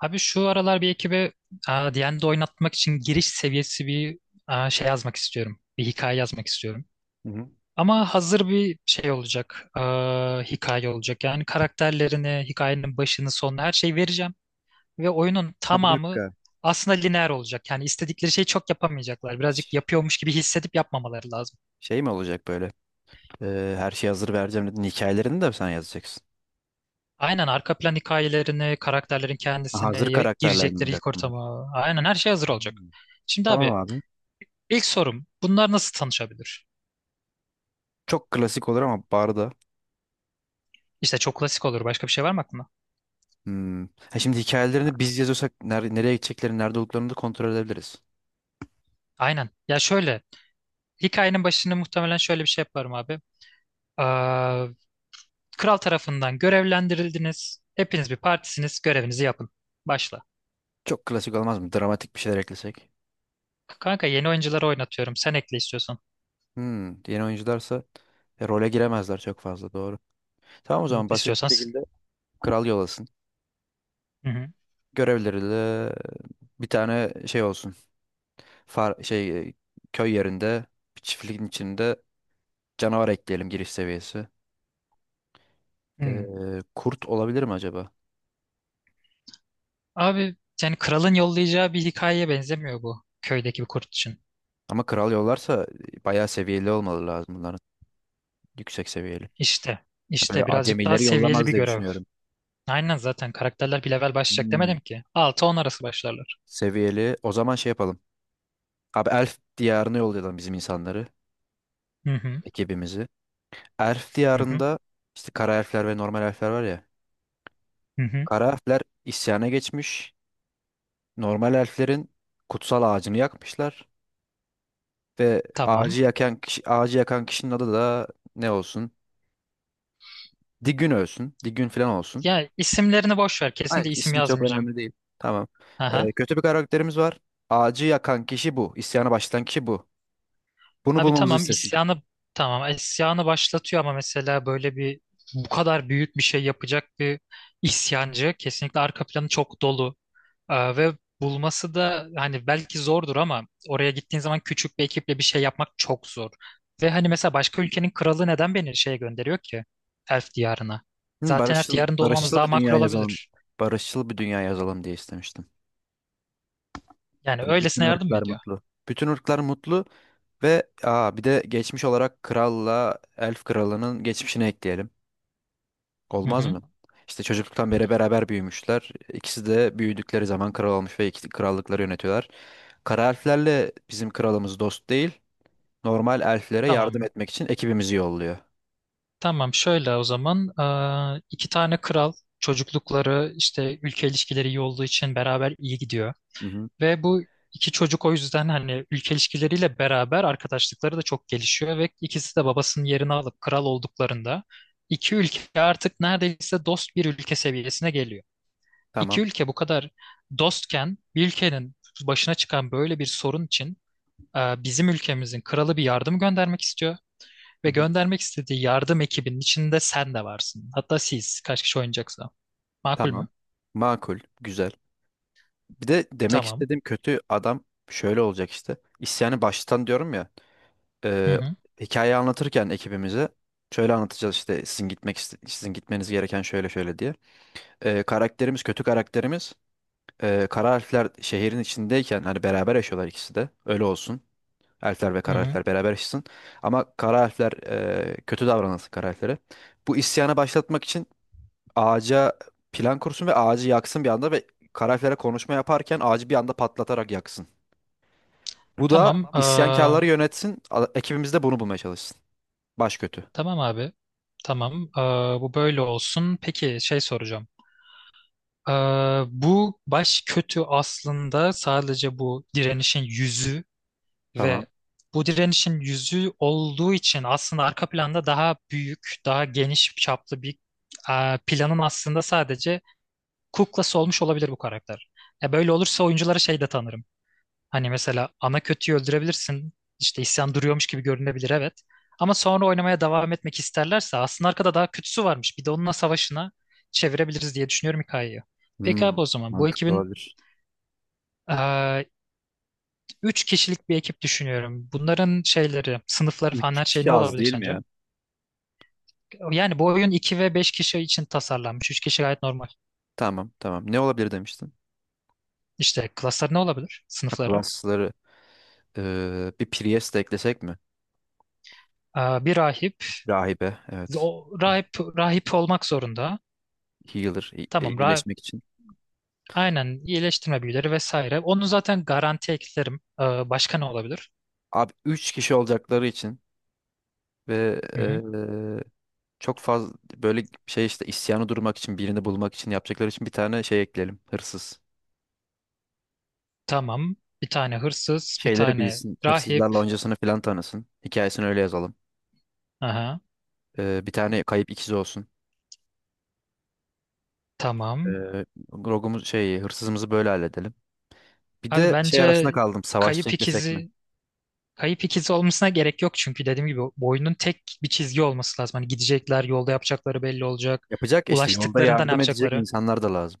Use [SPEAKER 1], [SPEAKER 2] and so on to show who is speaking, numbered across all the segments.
[SPEAKER 1] Abi şu aralar bir ekibe D&D oynatmak için giriş seviyesi bir şey yazmak istiyorum. Bir hikaye yazmak istiyorum.
[SPEAKER 2] Hı hı.
[SPEAKER 1] Ama hazır bir şey olacak. Hikaye olacak. Yani karakterlerini, hikayenin başını, sonunu her şeyi vereceğim. Ve oyunun
[SPEAKER 2] Ha, bir
[SPEAKER 1] tamamı
[SPEAKER 2] dakika.
[SPEAKER 1] aslında lineer olacak. Yani istedikleri şeyi çok yapamayacaklar. Birazcık
[SPEAKER 2] Ş-
[SPEAKER 1] yapıyormuş gibi hissedip yapmamaları lazım.
[SPEAKER 2] Şey mi olacak böyle? Her şey hazır vereceğim dedin. Hikayelerini de sen yazacaksın.
[SPEAKER 1] Aynen arka plan hikayelerini, karakterlerin
[SPEAKER 2] Ha,
[SPEAKER 1] kendisini,
[SPEAKER 2] hazır karakterler mi
[SPEAKER 1] girecekleri
[SPEAKER 2] olacak
[SPEAKER 1] ilk
[SPEAKER 2] bunlar?
[SPEAKER 1] ortamı. Aynen her şey hazır olacak.
[SPEAKER 2] Hmm.
[SPEAKER 1] Şimdi
[SPEAKER 2] Tamam
[SPEAKER 1] abi
[SPEAKER 2] abi.
[SPEAKER 1] ilk sorum bunlar nasıl tanışabilir?
[SPEAKER 2] Çok klasik olur ama barda.
[SPEAKER 1] İşte çok klasik olur. Başka bir şey var mı aklında?
[SPEAKER 2] Hmm. Ha, şimdi hikayelerini biz yazıyorsak nereye gideceklerini, nerede olduklarını da kontrol edebiliriz.
[SPEAKER 1] Aynen. Ya şöyle. Hikayenin başını muhtemelen şöyle bir şey yaparım abi. Aa, Kral tarafından görevlendirildiniz. Hepiniz bir partisiniz. Görevinizi yapın. Başla.
[SPEAKER 2] Çok klasik olmaz mı? Dramatik bir şeyler eklesek.
[SPEAKER 1] Kanka yeni oyuncuları oynatıyorum. Sen ekle istiyorsan.
[SPEAKER 2] Hmm. Yeni oyuncularsa role giremezler çok fazla doğru. Tamam, o
[SPEAKER 1] Hı.
[SPEAKER 2] zaman basit
[SPEAKER 1] İstiyorsan
[SPEAKER 2] bir
[SPEAKER 1] sen.
[SPEAKER 2] şekilde kral yol alsın.
[SPEAKER 1] Hı hı.
[SPEAKER 2] Görevleri bir tane şey olsun. Şey köy yerinde bir çiftliğin içinde canavar ekleyelim giriş seviyesi.
[SPEAKER 1] Hı.
[SPEAKER 2] Ee, Kurt olabilir mi acaba?
[SPEAKER 1] Abi yani kralın yollayacağı bir hikayeye benzemiyor bu. Köydeki bir kurt için.
[SPEAKER 2] Ama kral yollarsa bayağı seviyeli olmalı lazım bunların. Yüksek seviyeli.
[SPEAKER 1] İşte.
[SPEAKER 2] Böyle
[SPEAKER 1] İşte birazcık daha
[SPEAKER 2] acemileri
[SPEAKER 1] seviyeli
[SPEAKER 2] yollamaz
[SPEAKER 1] bir
[SPEAKER 2] diye
[SPEAKER 1] görev.
[SPEAKER 2] düşünüyorum.
[SPEAKER 1] Aynen zaten karakterler bir level başlayacak
[SPEAKER 2] Hmm,
[SPEAKER 1] demedim ki. 6-10 arası başlarlar.
[SPEAKER 2] Seviyeli. O zaman şey yapalım. Abi, Elf diyarına yollayalım bizim insanları.
[SPEAKER 1] Hı hı.
[SPEAKER 2] Ekibimizi. Elf
[SPEAKER 1] Hı hı.
[SPEAKER 2] diyarında işte kara elfler ve normal elfler var ya.
[SPEAKER 1] Hı hı.
[SPEAKER 2] Kara elfler isyana geçmiş. Normal elflerin kutsal ağacını yakmışlar. Ve
[SPEAKER 1] Tamam.
[SPEAKER 2] ağacı yakan kişinin adı da ne olsun? Digün olsun. Digün falan olsun.
[SPEAKER 1] Ya isimlerini boş ver. Kesinlikle
[SPEAKER 2] Hayır,
[SPEAKER 1] isim
[SPEAKER 2] ismi çok
[SPEAKER 1] yazmayacağım.
[SPEAKER 2] önemli değil. Tamam.
[SPEAKER 1] Aha.
[SPEAKER 2] Kötü bir karakterimiz var. Ağacı yakan kişi bu. İsyana başlatan kişi bu. Bunu
[SPEAKER 1] Abi
[SPEAKER 2] bulmamızı
[SPEAKER 1] tamam
[SPEAKER 2] istesin.
[SPEAKER 1] isyanı başlatıyor ama mesela böyle bir bu kadar büyük bir şey yapacak bir isyancı kesinlikle arka planı çok dolu. Ve bulması da hani belki zordur ama oraya gittiğin zaman küçük bir ekiple bir şey yapmak çok zor. Ve hani mesela başka ülkenin kralı neden beni şeye gönderiyor ki? Elf diyarına.
[SPEAKER 2] Hı,
[SPEAKER 1] Zaten Elf
[SPEAKER 2] barışçıl,
[SPEAKER 1] diyarında olmamız
[SPEAKER 2] barışçıl
[SPEAKER 1] daha
[SPEAKER 2] bir
[SPEAKER 1] makul
[SPEAKER 2] dünya yazalım.
[SPEAKER 1] olabilir.
[SPEAKER 2] Barışçıl bir dünya yazalım diye istemiştim.
[SPEAKER 1] Yani
[SPEAKER 2] Böyle bütün
[SPEAKER 1] öylesine yardım mı
[SPEAKER 2] ırklar
[SPEAKER 1] ediyor?
[SPEAKER 2] mutlu. Bütün ırklar mutlu ve bir de geçmiş olarak kralla elf kralının geçmişini ekleyelim.
[SPEAKER 1] Hı
[SPEAKER 2] Olmaz
[SPEAKER 1] hı.
[SPEAKER 2] mı? İşte çocukluktan beri beraber büyümüşler. İkisi de büyüdükleri zaman kral olmuş ve iki krallıkları yönetiyorlar. Kara elflerle bizim kralımız dost değil. Normal elflere yardım
[SPEAKER 1] Tamam.
[SPEAKER 2] etmek için ekibimizi yolluyor.
[SPEAKER 1] Tamam şöyle o zaman iki tane kral çocuklukları işte ülke ilişkileri iyi olduğu için beraber iyi gidiyor.
[SPEAKER 2] Hı hı.
[SPEAKER 1] Ve bu iki çocuk o yüzden hani ülke ilişkileriyle beraber arkadaşlıkları da çok gelişiyor ve ikisi de babasının yerini alıp kral olduklarında iki ülke artık neredeyse dost bir ülke seviyesine geliyor. İki
[SPEAKER 2] Tamam.
[SPEAKER 1] ülke bu kadar dostken bir ülkenin başına çıkan böyle bir sorun için bizim ülkemizin kralı bir yardım göndermek istiyor. Ve
[SPEAKER 2] Hı hı.
[SPEAKER 1] göndermek istediği yardım ekibinin içinde sen de varsın. Hatta siz kaç kişi oynayacaksa. Makul mü?
[SPEAKER 2] Tamam. Makul. Güzel. Bir de demek
[SPEAKER 1] Tamam.
[SPEAKER 2] istediğim kötü adam şöyle olacak işte. İsyanı baştan diyorum ya.
[SPEAKER 1] Hı
[SPEAKER 2] E,
[SPEAKER 1] hı.
[SPEAKER 2] Hikayeyi anlatırken ekibimize şöyle anlatacağız işte sizin gitmeniz gereken şöyle şöyle diye. E, karakterimiz kötü karakterimiz kara elfler şehrin içindeyken hani beraber yaşıyorlar ikisi de. Öyle olsun. Elfler ve
[SPEAKER 1] Hı
[SPEAKER 2] kara
[SPEAKER 1] hı.
[SPEAKER 2] elfler beraber yaşasın. Ama kara elfler kötü davranılsın kara elflere. Bu isyanı başlatmak için ağaca plan kursun ve ağacı yaksın bir anda ve kara elflere konuşma yaparken ağacı bir anda patlatarak yaksın. Bu da, tamam,
[SPEAKER 1] Tamam.
[SPEAKER 2] tamam,
[SPEAKER 1] eee,
[SPEAKER 2] isyankarları yönetsin. Ekibimiz de bunu bulmaya çalışsın. Baş kötü.
[SPEAKER 1] tamam abi. Tamam. Bu böyle olsun. Peki şey soracağım. Bu baş kötü aslında sadece bu direnişin yüzü
[SPEAKER 2] Tamam.
[SPEAKER 1] ve bu direnişin yüzü olduğu için aslında arka planda daha büyük, daha geniş çaplı bir planın aslında sadece kuklası olmuş olabilir bu karakter. Böyle olursa oyunculara şey de tanırım. Hani mesela ana kötüyü öldürebilirsin. İşte isyan duruyormuş gibi görünebilir evet. Ama sonra oynamaya devam etmek isterlerse aslında arkada daha kötüsü varmış. Bir de onunla savaşına çevirebiliriz diye düşünüyorum hikayeyi. Peki
[SPEAKER 2] Hmm,
[SPEAKER 1] abi o zaman bu
[SPEAKER 2] Mantıklı
[SPEAKER 1] ekibin
[SPEAKER 2] olabilir.
[SPEAKER 1] eee, üç kişilik bir ekip düşünüyorum. Bunların şeyleri, sınıfları falan
[SPEAKER 2] Üç
[SPEAKER 1] her şey
[SPEAKER 2] kişi
[SPEAKER 1] ne
[SPEAKER 2] az, tamam,
[SPEAKER 1] olabilir
[SPEAKER 2] değil mi
[SPEAKER 1] sence?
[SPEAKER 2] ya?
[SPEAKER 1] Yani bu oyun 2 ve 5 kişi için tasarlanmış. 3 kişi gayet normal.
[SPEAKER 2] Tamam, tamam. Ne olabilir demiştin?
[SPEAKER 1] İşte klaslar ne olabilir?
[SPEAKER 2] Ha,
[SPEAKER 1] Sınıfları.
[SPEAKER 2] klasları bir Priest de eklesek mi?
[SPEAKER 1] Bir rahip.
[SPEAKER 2] Rahibe, evet.
[SPEAKER 1] O rahip rahip olmak zorunda.
[SPEAKER 2] Healer,
[SPEAKER 1] Tamam rahip
[SPEAKER 2] iyileşmek için.
[SPEAKER 1] aynen iyileştirme büyüleri vesaire. Onu zaten garanti eklerim. Başka ne olabilir?
[SPEAKER 2] Abi, üç kişi olacakları için ve
[SPEAKER 1] Hı hı.
[SPEAKER 2] çok fazla böyle şey işte isyanı durmak için, birini bulmak için yapacakları için bir tane şey ekleyelim. Hırsız.
[SPEAKER 1] Tamam. Bir tane hırsız, bir
[SPEAKER 2] Şeyleri
[SPEAKER 1] tane
[SPEAKER 2] bilsin.
[SPEAKER 1] rahip.
[SPEAKER 2] Hırsızlarla öncesini filan tanısın. Hikayesini öyle yazalım.
[SPEAKER 1] Aha,
[SPEAKER 2] Bir tane kayıp ikizi olsun. E,
[SPEAKER 1] tamam.
[SPEAKER 2] Rogumuz şey hırsızımızı böyle halledelim. Bir
[SPEAKER 1] Abi
[SPEAKER 2] de şey
[SPEAKER 1] bence
[SPEAKER 2] arasında kaldım. Savaşçı
[SPEAKER 1] kayıp
[SPEAKER 2] eklesek mi?
[SPEAKER 1] ikizi kayıp ikizi olmasına gerek yok çünkü dediğim gibi bu oyunun tek bir çizgi olması lazım. Hani gidecekler, yolda yapacakları belli olacak.
[SPEAKER 2] Yapacak işte yolda
[SPEAKER 1] Ulaştıklarında ne
[SPEAKER 2] yardım edecek
[SPEAKER 1] yapacakları?
[SPEAKER 2] insanlar da lazım.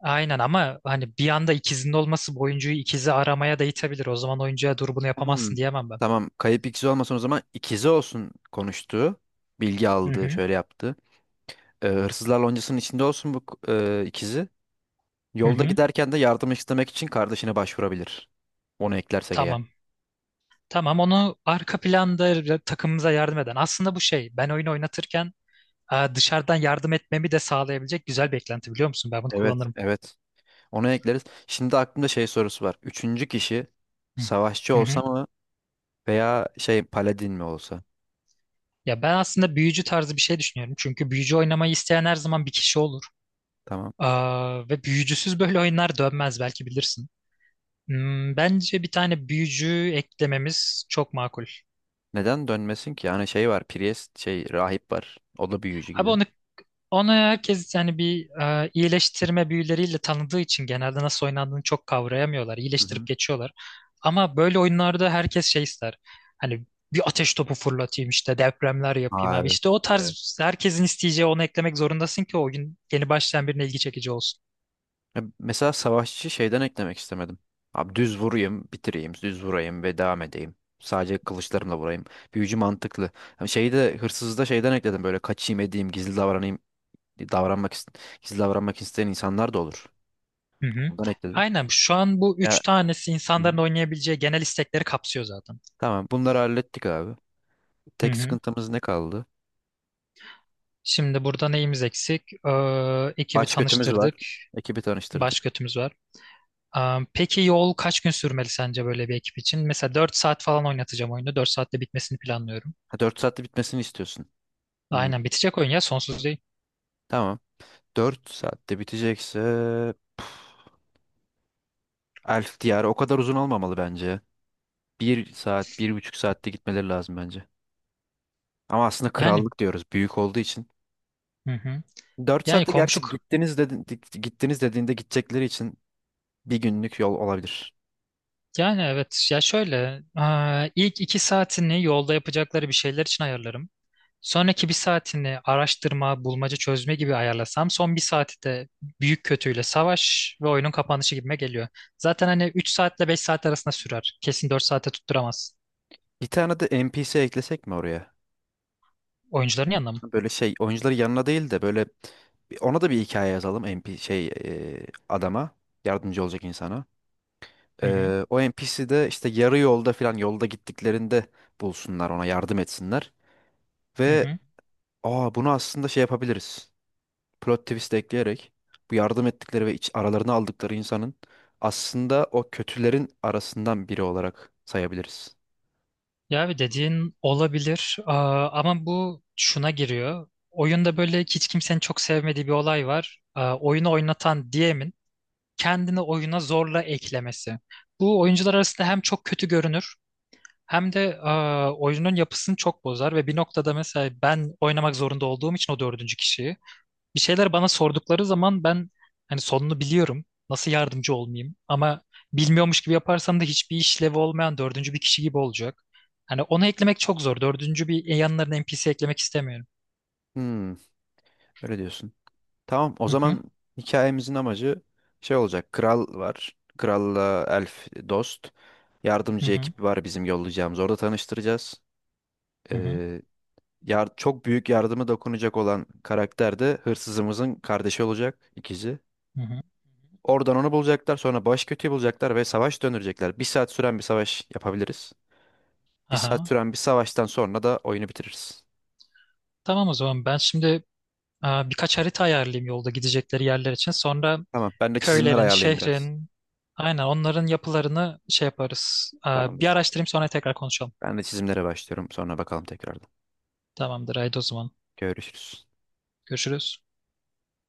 [SPEAKER 1] Aynen ama hani bir anda ikizinin olması bu oyuncuyu ikizi aramaya da itebilir. O zaman oyuncuya dur bunu
[SPEAKER 2] Hmm,
[SPEAKER 1] yapamazsın diyemem ben.
[SPEAKER 2] tamam. Kayıp ikizi olmasın, o zaman ikizi olsun konuştuğu. Bilgi
[SPEAKER 1] Hı
[SPEAKER 2] aldı,
[SPEAKER 1] hı.
[SPEAKER 2] şöyle yaptı. Hırsızlar loncasının içinde olsun bu ikizi.
[SPEAKER 1] Hı
[SPEAKER 2] Yolda
[SPEAKER 1] hı.
[SPEAKER 2] giderken de yardım istemek için kardeşine başvurabilir. Onu eklersek eğer.
[SPEAKER 1] Tamam. Tamam onu arka planda takımımıza yardım eden. Aslında bu şey ben oyunu oynatırken dışarıdan yardım etmemi de sağlayabilecek güzel beklenti biliyor musun? Ben bunu
[SPEAKER 2] Evet,
[SPEAKER 1] kullanırım.
[SPEAKER 2] evet. Onu ekleriz. Şimdi aklımda şey sorusu var. Üçüncü kişi
[SPEAKER 1] Hı
[SPEAKER 2] savaşçı
[SPEAKER 1] hı.
[SPEAKER 2] olsa
[SPEAKER 1] Hı.
[SPEAKER 2] mı veya şey paladin mi olsa?
[SPEAKER 1] Ya ben aslında büyücü tarzı bir şey düşünüyorum. Çünkü büyücü oynamayı isteyen her zaman bir kişi olur.
[SPEAKER 2] Tamam.
[SPEAKER 1] Ve büyücüsüz böyle oyunlar dönmez belki bilirsin. Bence bir tane büyücü eklememiz çok makul.
[SPEAKER 2] Neden dönmesin ki? Yani şey var, priest, şey rahip var. O da büyücü
[SPEAKER 1] Abi
[SPEAKER 2] gibi.
[SPEAKER 1] onu herkes yani bir iyileştirme büyüleriyle tanıdığı için genelde nasıl oynandığını çok kavrayamıyorlar.
[SPEAKER 2] Hı
[SPEAKER 1] İyileştirip
[SPEAKER 2] hı.
[SPEAKER 1] geçiyorlar. Ama böyle oyunlarda herkes şey ister. Hani bir ateş topu fırlatayım işte depremler yapayım
[SPEAKER 2] Aa,
[SPEAKER 1] abi. İşte o
[SPEAKER 2] evet.
[SPEAKER 1] tarz herkesin isteyeceği onu eklemek zorundasın ki o oyun yeni başlayan birine ilgi çekici olsun.
[SPEAKER 2] Ya, mesela savaşçı şeyden eklemek istemedim. Abi, düz vurayım, bitireyim, düz vurayım ve devam edeyim. Sadece kılıçlarımla vurayım. Büyücü mantıklı. Hani şeyi de hırsızda şeyden ekledim, böyle kaçayım edeyim, gizli davranayım, davranmak ist- gizli davranmak isteyen insanlar da olur.
[SPEAKER 1] Hı hı.
[SPEAKER 2] Ondan ekledim.
[SPEAKER 1] Aynen şu an bu üç
[SPEAKER 2] Ya,
[SPEAKER 1] tanesi
[SPEAKER 2] hı hı,
[SPEAKER 1] insanların oynayabileceği genel istekleri kapsıyor zaten.
[SPEAKER 2] tamam, bunları hallettik abi.
[SPEAKER 1] Hı
[SPEAKER 2] Tek
[SPEAKER 1] hı.
[SPEAKER 2] sıkıntımız ne kaldı?
[SPEAKER 1] Şimdi burada neyimiz eksik? Ekibi
[SPEAKER 2] Baş kötümüz var.
[SPEAKER 1] tanıştırdık.
[SPEAKER 2] Ekibi
[SPEAKER 1] Baş
[SPEAKER 2] tanıştırdık.
[SPEAKER 1] götümüz var. Peki yol kaç gün sürmeli sence böyle bir ekip için? Mesela 4 saat falan oynatacağım oyunu. 4 saatte bitmesini planlıyorum.
[SPEAKER 2] Ha, 4 saatte bitmesini istiyorsun. Hı,
[SPEAKER 1] Aynen bitecek oyun ya sonsuz değil.
[SPEAKER 2] tamam. 4 saatte bitecekse Elf diyarı o kadar uzun olmamalı bence. Bir saat, 1,5 saatte gitmeleri lazım bence. Ama aslında
[SPEAKER 1] Yani
[SPEAKER 2] krallık diyoruz büyük olduğu için.
[SPEAKER 1] hı hı.
[SPEAKER 2] Dört
[SPEAKER 1] Yani
[SPEAKER 2] saatte
[SPEAKER 1] komşu
[SPEAKER 2] gerçi gittiniz, dedin, gittiniz dediğinde gidecekleri için bir günlük yol olabilir.
[SPEAKER 1] yani evet ya şöyle ilk 2 saatini yolda yapacakları bir şeyler için ayarlarım. Sonraki bir saatini araştırma, bulmaca çözme gibi ayarlasam son bir saati de büyük kötüyle savaş ve oyunun kapanışı gibime geliyor. Zaten hani 3 saatle 5 saat arasında sürer. Kesin 4 saate tutturamaz.
[SPEAKER 2] Bir tane de NPC eklesek mi oraya?
[SPEAKER 1] Oyuncuların yanına mı?
[SPEAKER 2] Böyle şey oyuncuları yanına değil de böyle ona da bir hikaye yazalım, NPC şey adama yardımcı olacak insana.
[SPEAKER 1] Hı hı.
[SPEAKER 2] O NPC de işte yarı yolda falan yolda gittiklerinde bulsunlar, ona yardım etsinler.
[SPEAKER 1] Hı
[SPEAKER 2] Ve
[SPEAKER 1] hı.
[SPEAKER 2] bunu aslında şey yapabiliriz. Plot twist ekleyerek bu yardım ettikleri ve aralarına aldıkları insanın aslında o kötülerin arasından biri olarak sayabiliriz.
[SPEAKER 1] Ya abi dediğin olabilir. Ama bu şuna giriyor. Oyunda böyle hiç kimsenin çok sevmediği bir olay var. Oyunu oynatan DM'in kendini oyuna zorla eklemesi. Bu oyuncular arasında hem çok kötü görünür hem de oyunun yapısını çok bozar ve bir noktada mesela ben oynamak zorunda olduğum için o dördüncü kişiyi bir şeyler bana sordukları zaman ben hani sonunu biliyorum. Nasıl yardımcı olmayayım? Ama bilmiyormuş gibi yaparsam da hiçbir işlevi olmayan dördüncü bir kişi gibi olacak. Hani onu eklemek çok zor. Dördüncü bir yanlarına NPC eklemek istemiyorum.
[SPEAKER 2] Hmm, Öyle diyorsun. Tamam, o
[SPEAKER 1] Hı hı
[SPEAKER 2] zaman hikayemizin amacı şey olacak. Kral var. Kralla elf dost.
[SPEAKER 1] hı
[SPEAKER 2] Yardımcı
[SPEAKER 1] hı
[SPEAKER 2] ekip var bizim yollayacağımız. Orada tanıştıracağız.
[SPEAKER 1] hı hı.
[SPEAKER 2] Ee, çok büyük yardımı dokunacak olan karakter de hırsızımızın kardeşi olacak, ikizi.
[SPEAKER 1] Hı hı.
[SPEAKER 2] Oradan onu bulacaklar. Sonra baş kötüyü bulacaklar ve savaş döndürecekler. Bir saat süren bir savaş yapabiliriz. Bir saat
[SPEAKER 1] Aha.
[SPEAKER 2] süren bir savaştan sonra da oyunu bitiririz.
[SPEAKER 1] Tamam o zaman ben şimdi birkaç harita ayarlayayım yolda gidecekleri yerler için. Sonra
[SPEAKER 2] Tamam. Ben de çizimler
[SPEAKER 1] köylerin,
[SPEAKER 2] ayarlayayım biraz.
[SPEAKER 1] şehrin, aynen onların yapılarını şey yaparız. Bir
[SPEAKER 2] Tamamdır.
[SPEAKER 1] araştırayım sonra tekrar konuşalım.
[SPEAKER 2] Ben de çizimlere başlıyorum. Sonra bakalım tekrardan.
[SPEAKER 1] Tamamdır haydi o zaman.
[SPEAKER 2] Görüşürüz.
[SPEAKER 1] Görüşürüz.